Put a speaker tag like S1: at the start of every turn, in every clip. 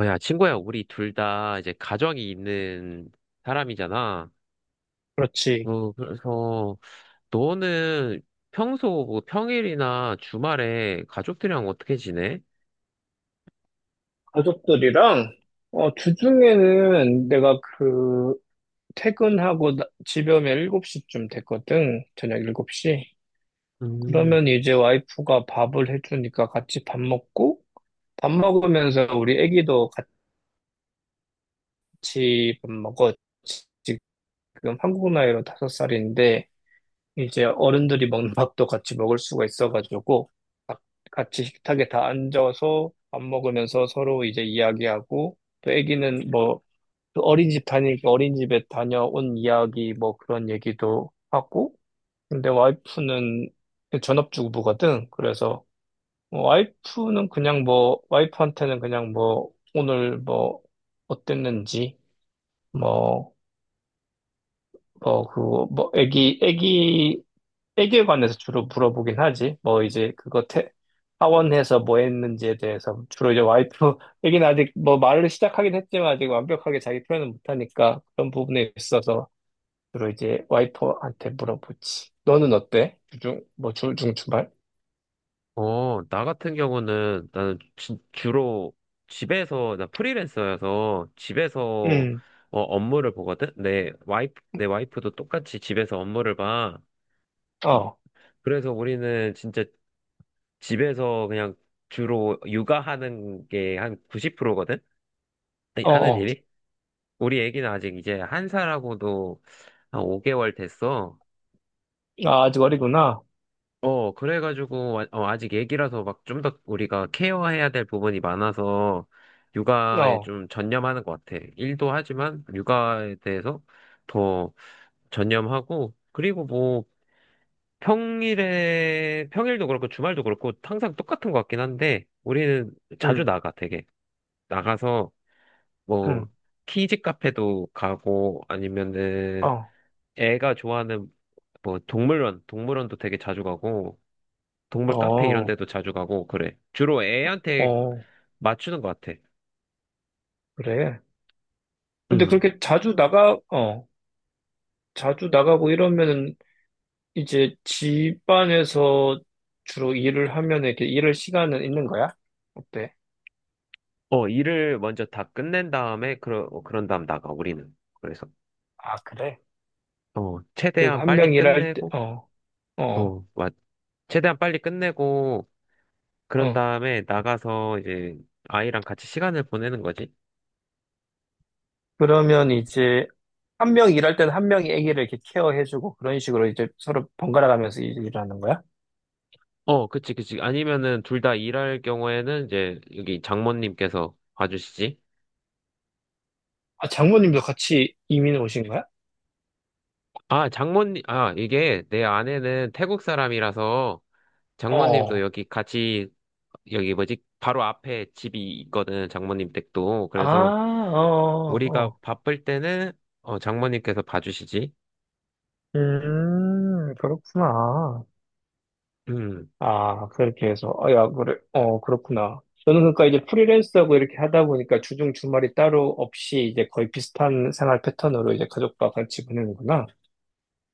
S1: 야, 친구야, 우리 둘 다 이제 가정이 있는 사람이잖아.
S2: 그렇지.
S1: 그래서 너는 평소 뭐 평일이나 주말에 가족들이랑 어떻게 지내?
S2: 가족들이랑, 주중에는 내가 퇴근하고 집에 오면 7시쯤 됐거든. 저녁 7시.
S1: 음.
S2: 그러면 이제 와이프가 밥을 해주니까 같이 밥 먹고, 밥 먹으면서 우리 애기도 같이 밥 먹어. 지- 지금 한국 나이로 5살인데, 이제 어른들이 먹는 밥도 같이 먹을 수가 있어가지고, 가- 같이 식탁에 다 앉아서 밥 먹으면서 서로 이제 이야기하고, 또 애기는 뭐, 그 어린이집 다니니까 어린이집에 다녀온 이야기 뭐 그런 얘기도 하고. 근데 와이프는 전업주부거든. 그래서 뭐 와이프는 그냥 뭐 와이프한테는 그냥 뭐 오늘 뭐 어땠는지 뭐 뭐 그거 뭐 애기에 관해서 주로 물어보긴 하지. 뭐 이제 그거 태 하원해서 뭐 했는지에 대해서 주로 이제 와이프 얘기는 아직 뭐 말을 시작하긴 했지만 아직 완벽하게 자기 표현은 못하니까 그런 부분에 있어서 주로 이제 와이퍼한테 물어보지. 너는 어때? 주중, 뭐, 중충발?
S1: 나 같은 경우는 나는 주로 집에서, 나 프리랜서여서 집에서
S2: 응,
S1: 업무를 보거든? 내 와이프도 똑같이 집에서 업무를 봐.
S2: 어,
S1: 그래서 우리는 진짜 집에서 그냥 주로 육아하는 게 한 90%거든? 네,
S2: 어,
S1: 하는
S2: 어.
S1: 일이? 우리 애기는 아직 이제 한 살하고도 한 5개월 됐어.
S2: 아, 아직 어리구나.
S1: 그래가지고, 아직 애기라서 막 좀 더 우리가 케어해야 될 부분이 많아서 육아에
S2: 어,
S1: 좀 전념하는 것 같아. 일도 하지만 육아에 대해서 더 전념하고, 그리고 뭐 평일도 그렇고 주말도 그렇고 항상 똑같은 것 같긴 한데 우리는 자주
S2: 응,
S1: 나가 되게. 나가서 뭐
S2: 응,
S1: 키즈 카페도 가고 아니면은
S2: 어,
S1: 애가 좋아하는 뭐 동물원도 되게 자주 가고 동물 카페 이런
S2: 어,
S1: 데도 자주 가고 그래. 주로 애한테
S2: 어,
S1: 맞추는 것 같아.
S2: 그래. 근데
S1: 음.
S2: 그렇게 자주 자주 나가고 이러면은 이제 집안에서 주로 일을 하면 이렇게 일할 시간은 있는 거야? 어때?
S1: 일을 먼저 다 끝낸 다음에 그런 다음 나가 우리는. 그래서
S2: 아, 그래? 그리고
S1: 최대한
S2: 한
S1: 빨리
S2: 명 일할 때,
S1: 끝내고
S2: 어, 어,
S1: 어, 맞. 최대한 빨리 끝내고 그런
S2: 어.
S1: 다음에 나가서 이제 아이랑 같이 시간을 보내는 거지.
S2: 그러면 이제 한 명 일할 때는 한 명이 아기를 이렇게 케어해주고 그런 식으로 이제 서로 번갈아 가면서 일을 하는 거야?
S1: 어, 그치, 그치. 아니면은 둘 다 일할 경우에는 이제 여기 장모님께서 봐주시지.
S2: 아, 장모님도 같이 이민 오신 거야?
S1: 아, 이게 내 아내는 태국 사람이라서 장모님도
S2: 어.
S1: 여기 같이, 여기 뭐지, 바로 앞에 집이 있거든, 장모님 댁도.
S2: 아,
S1: 그래서
S2: 어,
S1: 우리가
S2: 어.
S1: 바쁠 때는, 장모님께서 봐주시지.
S2: 그렇구나.
S1: 음,
S2: 아, 그렇게 해서. 어, 야, 그래. 어, 그렇구나. 저는 그러니까 이제 프리랜서하고 이렇게 하다 보니까 주중 주말이 따로 없이 이제 거의 비슷한 생활 패턴으로 이제 가족과 같이 보내는구나.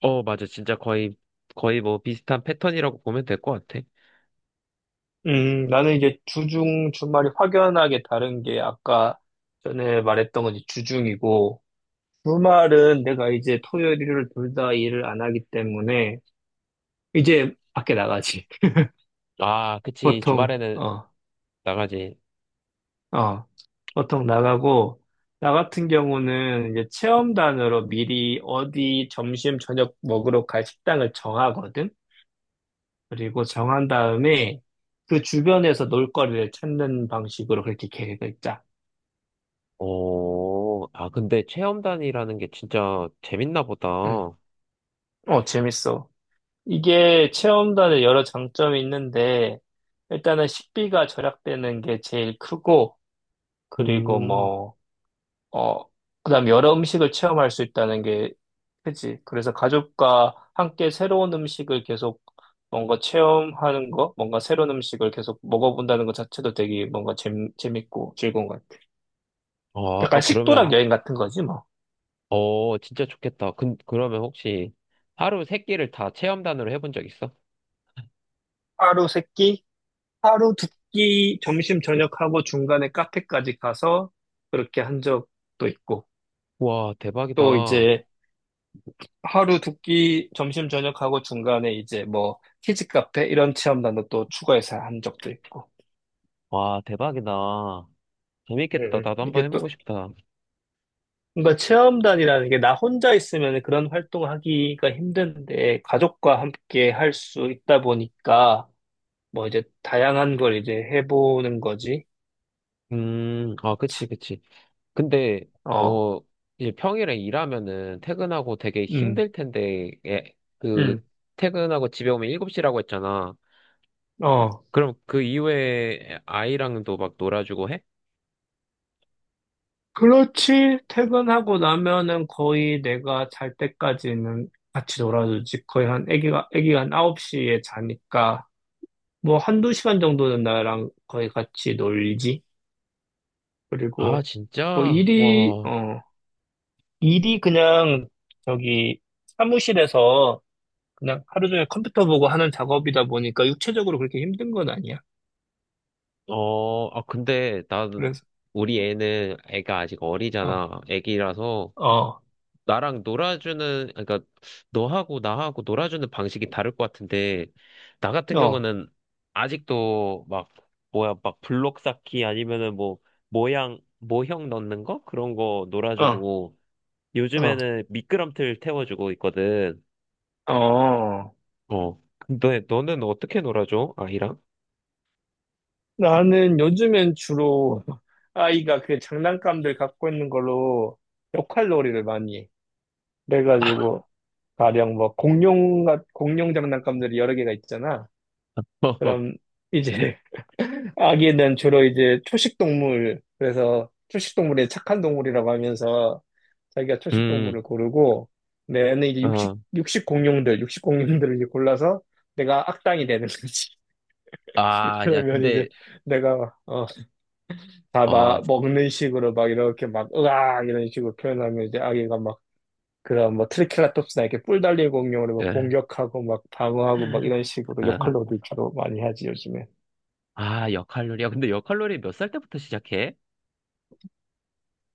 S1: 어, 맞아. 진짜 거의, 거의 뭐 비슷한 패턴이라고 보면 될 것 같아.
S2: 나는 이제 주중, 주말이 확연하게 다른 게 아까 전에 말했던 건 이제 주중이고, 주말은 내가 이제 토요일, 일요일 둘 다 일을 안 하기 때문에, 이제 밖에 나가지.
S1: 아, 그치.
S2: 보통,
S1: 주말에는
S2: 어,
S1: 나가지.
S2: 어, 보통 나가고, 나 같은 경우는 이제 체험단으로 미리 어디 점심, 저녁 먹으러 갈 식당을 정하거든? 그리고 정한 다음에 그 주변에서 놀거리를 찾는 방식으로 그렇게 계획을 짜.
S1: 오, 아, 근데 체험단이라는 게 진짜 재밌나 보다.
S2: 응. 어, 재밌어. 이게 체험단의 여러 장점이 있는데, 일단은 식비가 절약되는 게 제일 크고, 그리고
S1: 음,
S2: 뭐, 어, 그다음 여러 음식을 체험할 수 있다는 게 크지. 그래서 가족과 함께 새로운 음식을 계속 뭔가 체험하는 거, 뭔가 새로운 음식을 계속 먹어본다는 것 자체도 되게 뭔가 재밌고 즐거운 것 같아.
S1: 아,
S2: 약간
S1: 그러면
S2: 식도락 여행 같은 거지, 뭐.
S1: 어, 진짜 좋겠다. 그러면 혹시 하루 세 끼를 다 체험단으로 해본 적 있어?
S2: 하루 세끼 하루 두끼 점심 저녁하고 중간에 카페까지 가서 그렇게 한 적도 있고
S1: 와,
S2: 또
S1: 대박이다.
S2: 이제 하루 두끼 점심 저녁하고 중간에 이제 뭐 키즈 카페 이런 체험단도 또 추가해서 한 적도 있고.
S1: 와, 대박이다. 재밌겠다. 나도 한번
S2: 이게 또
S1: 해보고 싶다.
S2: 뭔가 체험단이라는 게 나 혼자 있으면 그런 활동하기가 힘든데 가족과 함께 할 수 있다 보니까 뭐 이제 다양한 걸 이제 해보는 거지.
S1: 아, 그치, 그치. 근데
S2: 어,
S1: 너 이제 평일에 일하면은 퇴근하고 되게
S2: 음,
S1: 힘들 텐데, 예, 그,
S2: 음,
S1: 퇴근하고 집에 오면 7시라고 했잖아.
S2: 어.
S1: 그럼 그 이후에 아이랑도 막 놀아주고 해?
S2: 그렇지. 퇴근하고 나면은 거의 내가 잘 때까지는 같이 놀아주지. 거의 애기가 한 아홉 시에 자니까, 뭐 한두 시간 정도는 나랑 거의 같이 놀지.
S1: 아,
S2: 그리고, 뭐
S1: 진짜?
S2: 일이,
S1: 와.
S2: 어, 일이 그냥 저기 사무실에서 그냥 하루 종일 컴퓨터 보고 하는 작업이다 보니까 육체적으로 그렇게 힘든 건 아니야.
S1: 근데 나는,
S2: 그래서,
S1: 우리 애는, 애가 아직
S2: 어,
S1: 어리잖아. 애기라서
S2: 어,
S1: 그러니까 너하고 나하고 놀아주는 방식이 다를 것 같은데, 나 같은
S2: 어,
S1: 경우는 아직도 막, 뭐야, 막 블록 쌓기 아니면은 뭐, 모형 넣는 거? 그런 거
S2: 어,
S1: 놀아주고,
S2: 어,
S1: 요즘에는 미끄럼틀 태워주고 있거든.
S2: 어.
S1: 어. 근데 너는 어떻게 놀아줘? 아이랑?
S2: 나는 요즘엔 주로 아이가 그 장난감들 갖고 있는 걸로 역할놀이를 많이 해. 그래가지고 가령 뭐 공룡 장난감들이 여러 개가 있잖아. 그럼 이제 아기는 주로 이제 초식 동물, 그래서 초식 동물의 착한 동물이라고 하면서 자기가 초식
S1: 음,
S2: 동물을 고르고, 내 애는 이제
S1: 어.
S2: 육식 공룡들을 이제 골라서 내가 악당이 되는 거지.
S1: 아, 야,
S2: 그러면
S1: 근데,
S2: 이제 내가 다
S1: 아,
S2: 막 먹는 식으로 막 이렇게 막 으악 이런 식으로 표현하면 이제 아기가 막 그런 뭐 트리케라톱스나 이렇게 뿔 달린 공룡으막
S1: 예.
S2: 공격하고 막 방어하고 막 이런 식으로
S1: 어.
S2: 역할놀이 주로 많이 하지, 요즘에.
S1: 아, 역할놀이. 야, 근데 역할놀이 몇 살 때부터 시작해?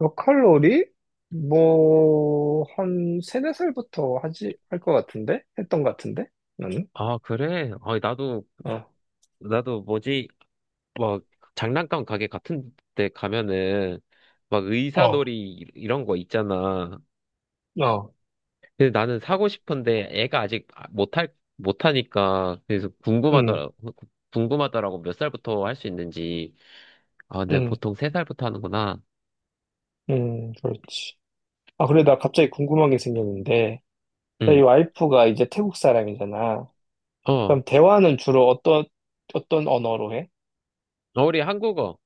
S2: 역할놀이 뭐 한 세네 살부터 하지 할 것 같은데, 했던 것 같은데, 나는.
S1: 아, 그래?
S2: 어,
S1: 나도 뭐지, 막, 장난감 가게 같은 데 가면은, 막 의사놀이 이런 거 있잖아. 근데 나는 사고 싶은데 애가 아직 못하니까, 그래서 궁금하더라, 궁금하더라고 몇 살부터 할 수 있는지. 아, 근데
S2: 어어음음음
S1: 보통 세 살부터 하는구나.
S2: 그렇지. 아 그래, 나 갑자기 궁금한 게 생겼는데, 나 이
S1: 응.
S2: 와이프가 이제 태국 사람이잖아.
S1: 어, 어,
S2: 그럼 대화는 주로 어떤, 어떤 언어로 해?
S1: 우리 한국어.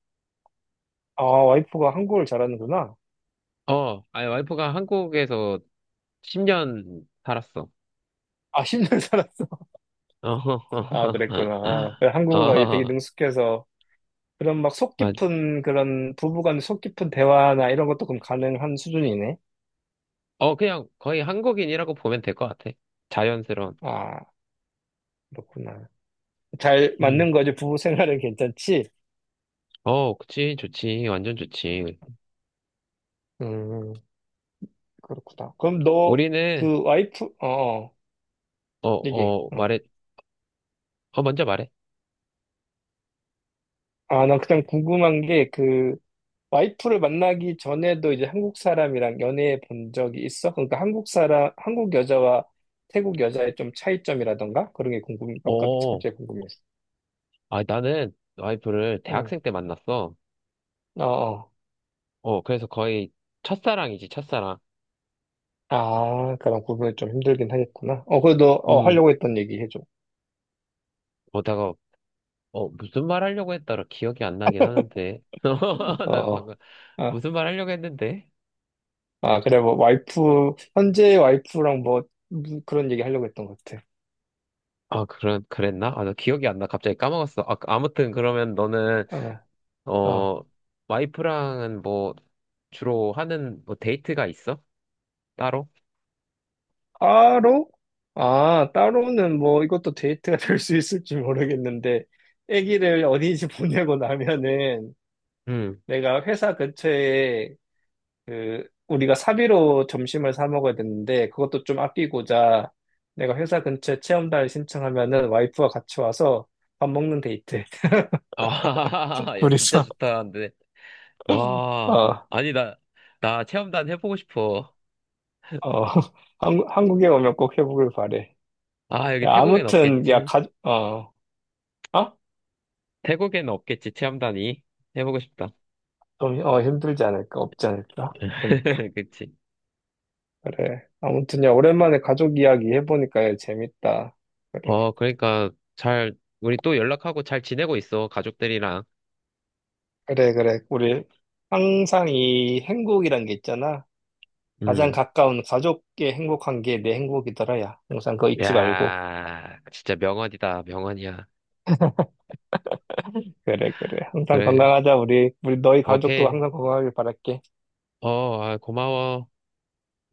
S2: 아, 와이프가 한국어를 잘하는구나.
S1: 어, 아니, 와이프가 한국에서 10년 살았어.
S2: 아, 10년 살았어.
S1: 어,
S2: 아, 그랬구나. 그래, 한국어가 이제 되게
S1: 어,
S2: 능숙해서 그런 막 속
S1: 맞.
S2: 깊은 그런 부부간 속 깊은 대화나 이런 것도 그럼 가능한 수준이네.
S1: 어, 그냥 거의 한국인이라고 보면 될 것 같아. 자연스러운.
S2: 아, 그렇구나. 잘
S1: 음.
S2: 맞는 거지. 부부 생활은 괜찮지?
S1: 어, 그치, 좋지, 완전 좋지.
S2: 음, 그렇구나. 그럼 너
S1: 우리는,
S2: 그 와이프, 어, 어,
S1: 어,
S2: 얘기해. 어.
S1: 어, 먼저 말해.
S2: 아, 난 그냥 궁금한 게그 와이프를 만나기 전에도 이제 한국 사람이랑 연애해 본 적이 있어? 그러니까 한국 사람, 한국 여자와 태국 여자의 좀 차이점이라던가? 그런 게 궁금,
S1: 어,
S2: 갑자기 궁금했어.
S1: 아, 나는 와이프를
S2: 응.
S1: 대학생 때 만났어.
S2: 어, 어.
S1: 어, 그래서 거의 첫사랑이지, 첫사랑.
S2: 아, 그럼 구분이 좀 힘들긴 하겠구나. 어, 그래도, 어,
S1: 음,
S2: 하려고 했던 얘기 해줘.
S1: 어다가 어, 무슨 말 하려고 했더라 기억이 안 나긴 하는데.
S2: 어,
S1: 나
S2: 어.
S1: 방금
S2: 아,
S1: 무슨 말 하려고 했는데?
S2: 아, 그래, 뭐, 현재 와이프랑 뭐, 그런 얘기 하려고 했던 것 같아.
S1: 아, 그런, 그랬나? 아, 나 기억이 안 나. 갑자기 까먹었어. 아무튼 그러면 너는,
S2: 어, 어.
S1: 어, 와이프랑은 뭐, 주로 하는 뭐 데이트가 있어? 따로?
S2: 따로? 아, 따로는 뭐 이것도 데이트가 될 수 있을지 모르겠는데, 아기를 어린이집 보내고 나면은
S1: 응.
S2: 내가 회사 근처에 그 우리가 사비로 점심을 사 먹어야 되는데 그것도 좀 아끼고자 내가 회사 근처에 체험단을 신청하면은 와이프와 같이 와서 밥 먹는 데이트.
S1: 아, 야, 진짜
S2: 둘이서.
S1: 좋다. 근데,
S2: 어,
S1: 와.
S2: 어.
S1: 아니, 나, 나 체험단 해보고 싶어.
S2: 한국에 오면 꼭 해보길 바래.
S1: 아, 여기
S2: 야,
S1: 태국엔
S2: 아무튼, 야,
S1: 없겠지?
S2: 어, 어?
S1: 태국엔 없겠지, 체험단이. 해보고 싶다.
S2: 좀, 어, 힘들지 않을까? 없지 않을까? 그러니까.
S1: 그치.
S2: 그래. 아무튼, 야, 오랜만에 가족 이야기 해보니까 재밌다. 그래.
S1: 어, 그러니까, 잘, 우리 또 연락하고 잘 지내고 있어, 가족들이랑.
S2: 그래, 그래. 우리 항상 이 행복이란 게 있잖아. 가장
S1: 음.
S2: 가까운 가족의 행복한 게 내 행복이더라, 야. 항상 그거 잊지 말고.
S1: 야, 진짜 명언이다, 명언이야.
S2: 그래, 그래. 항상
S1: 그래,
S2: 건강하자, 우리. 우리 너희 가족도
S1: 오케이.
S2: 항상 건강하길 바랄게.
S1: 고마워.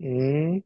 S2: 음.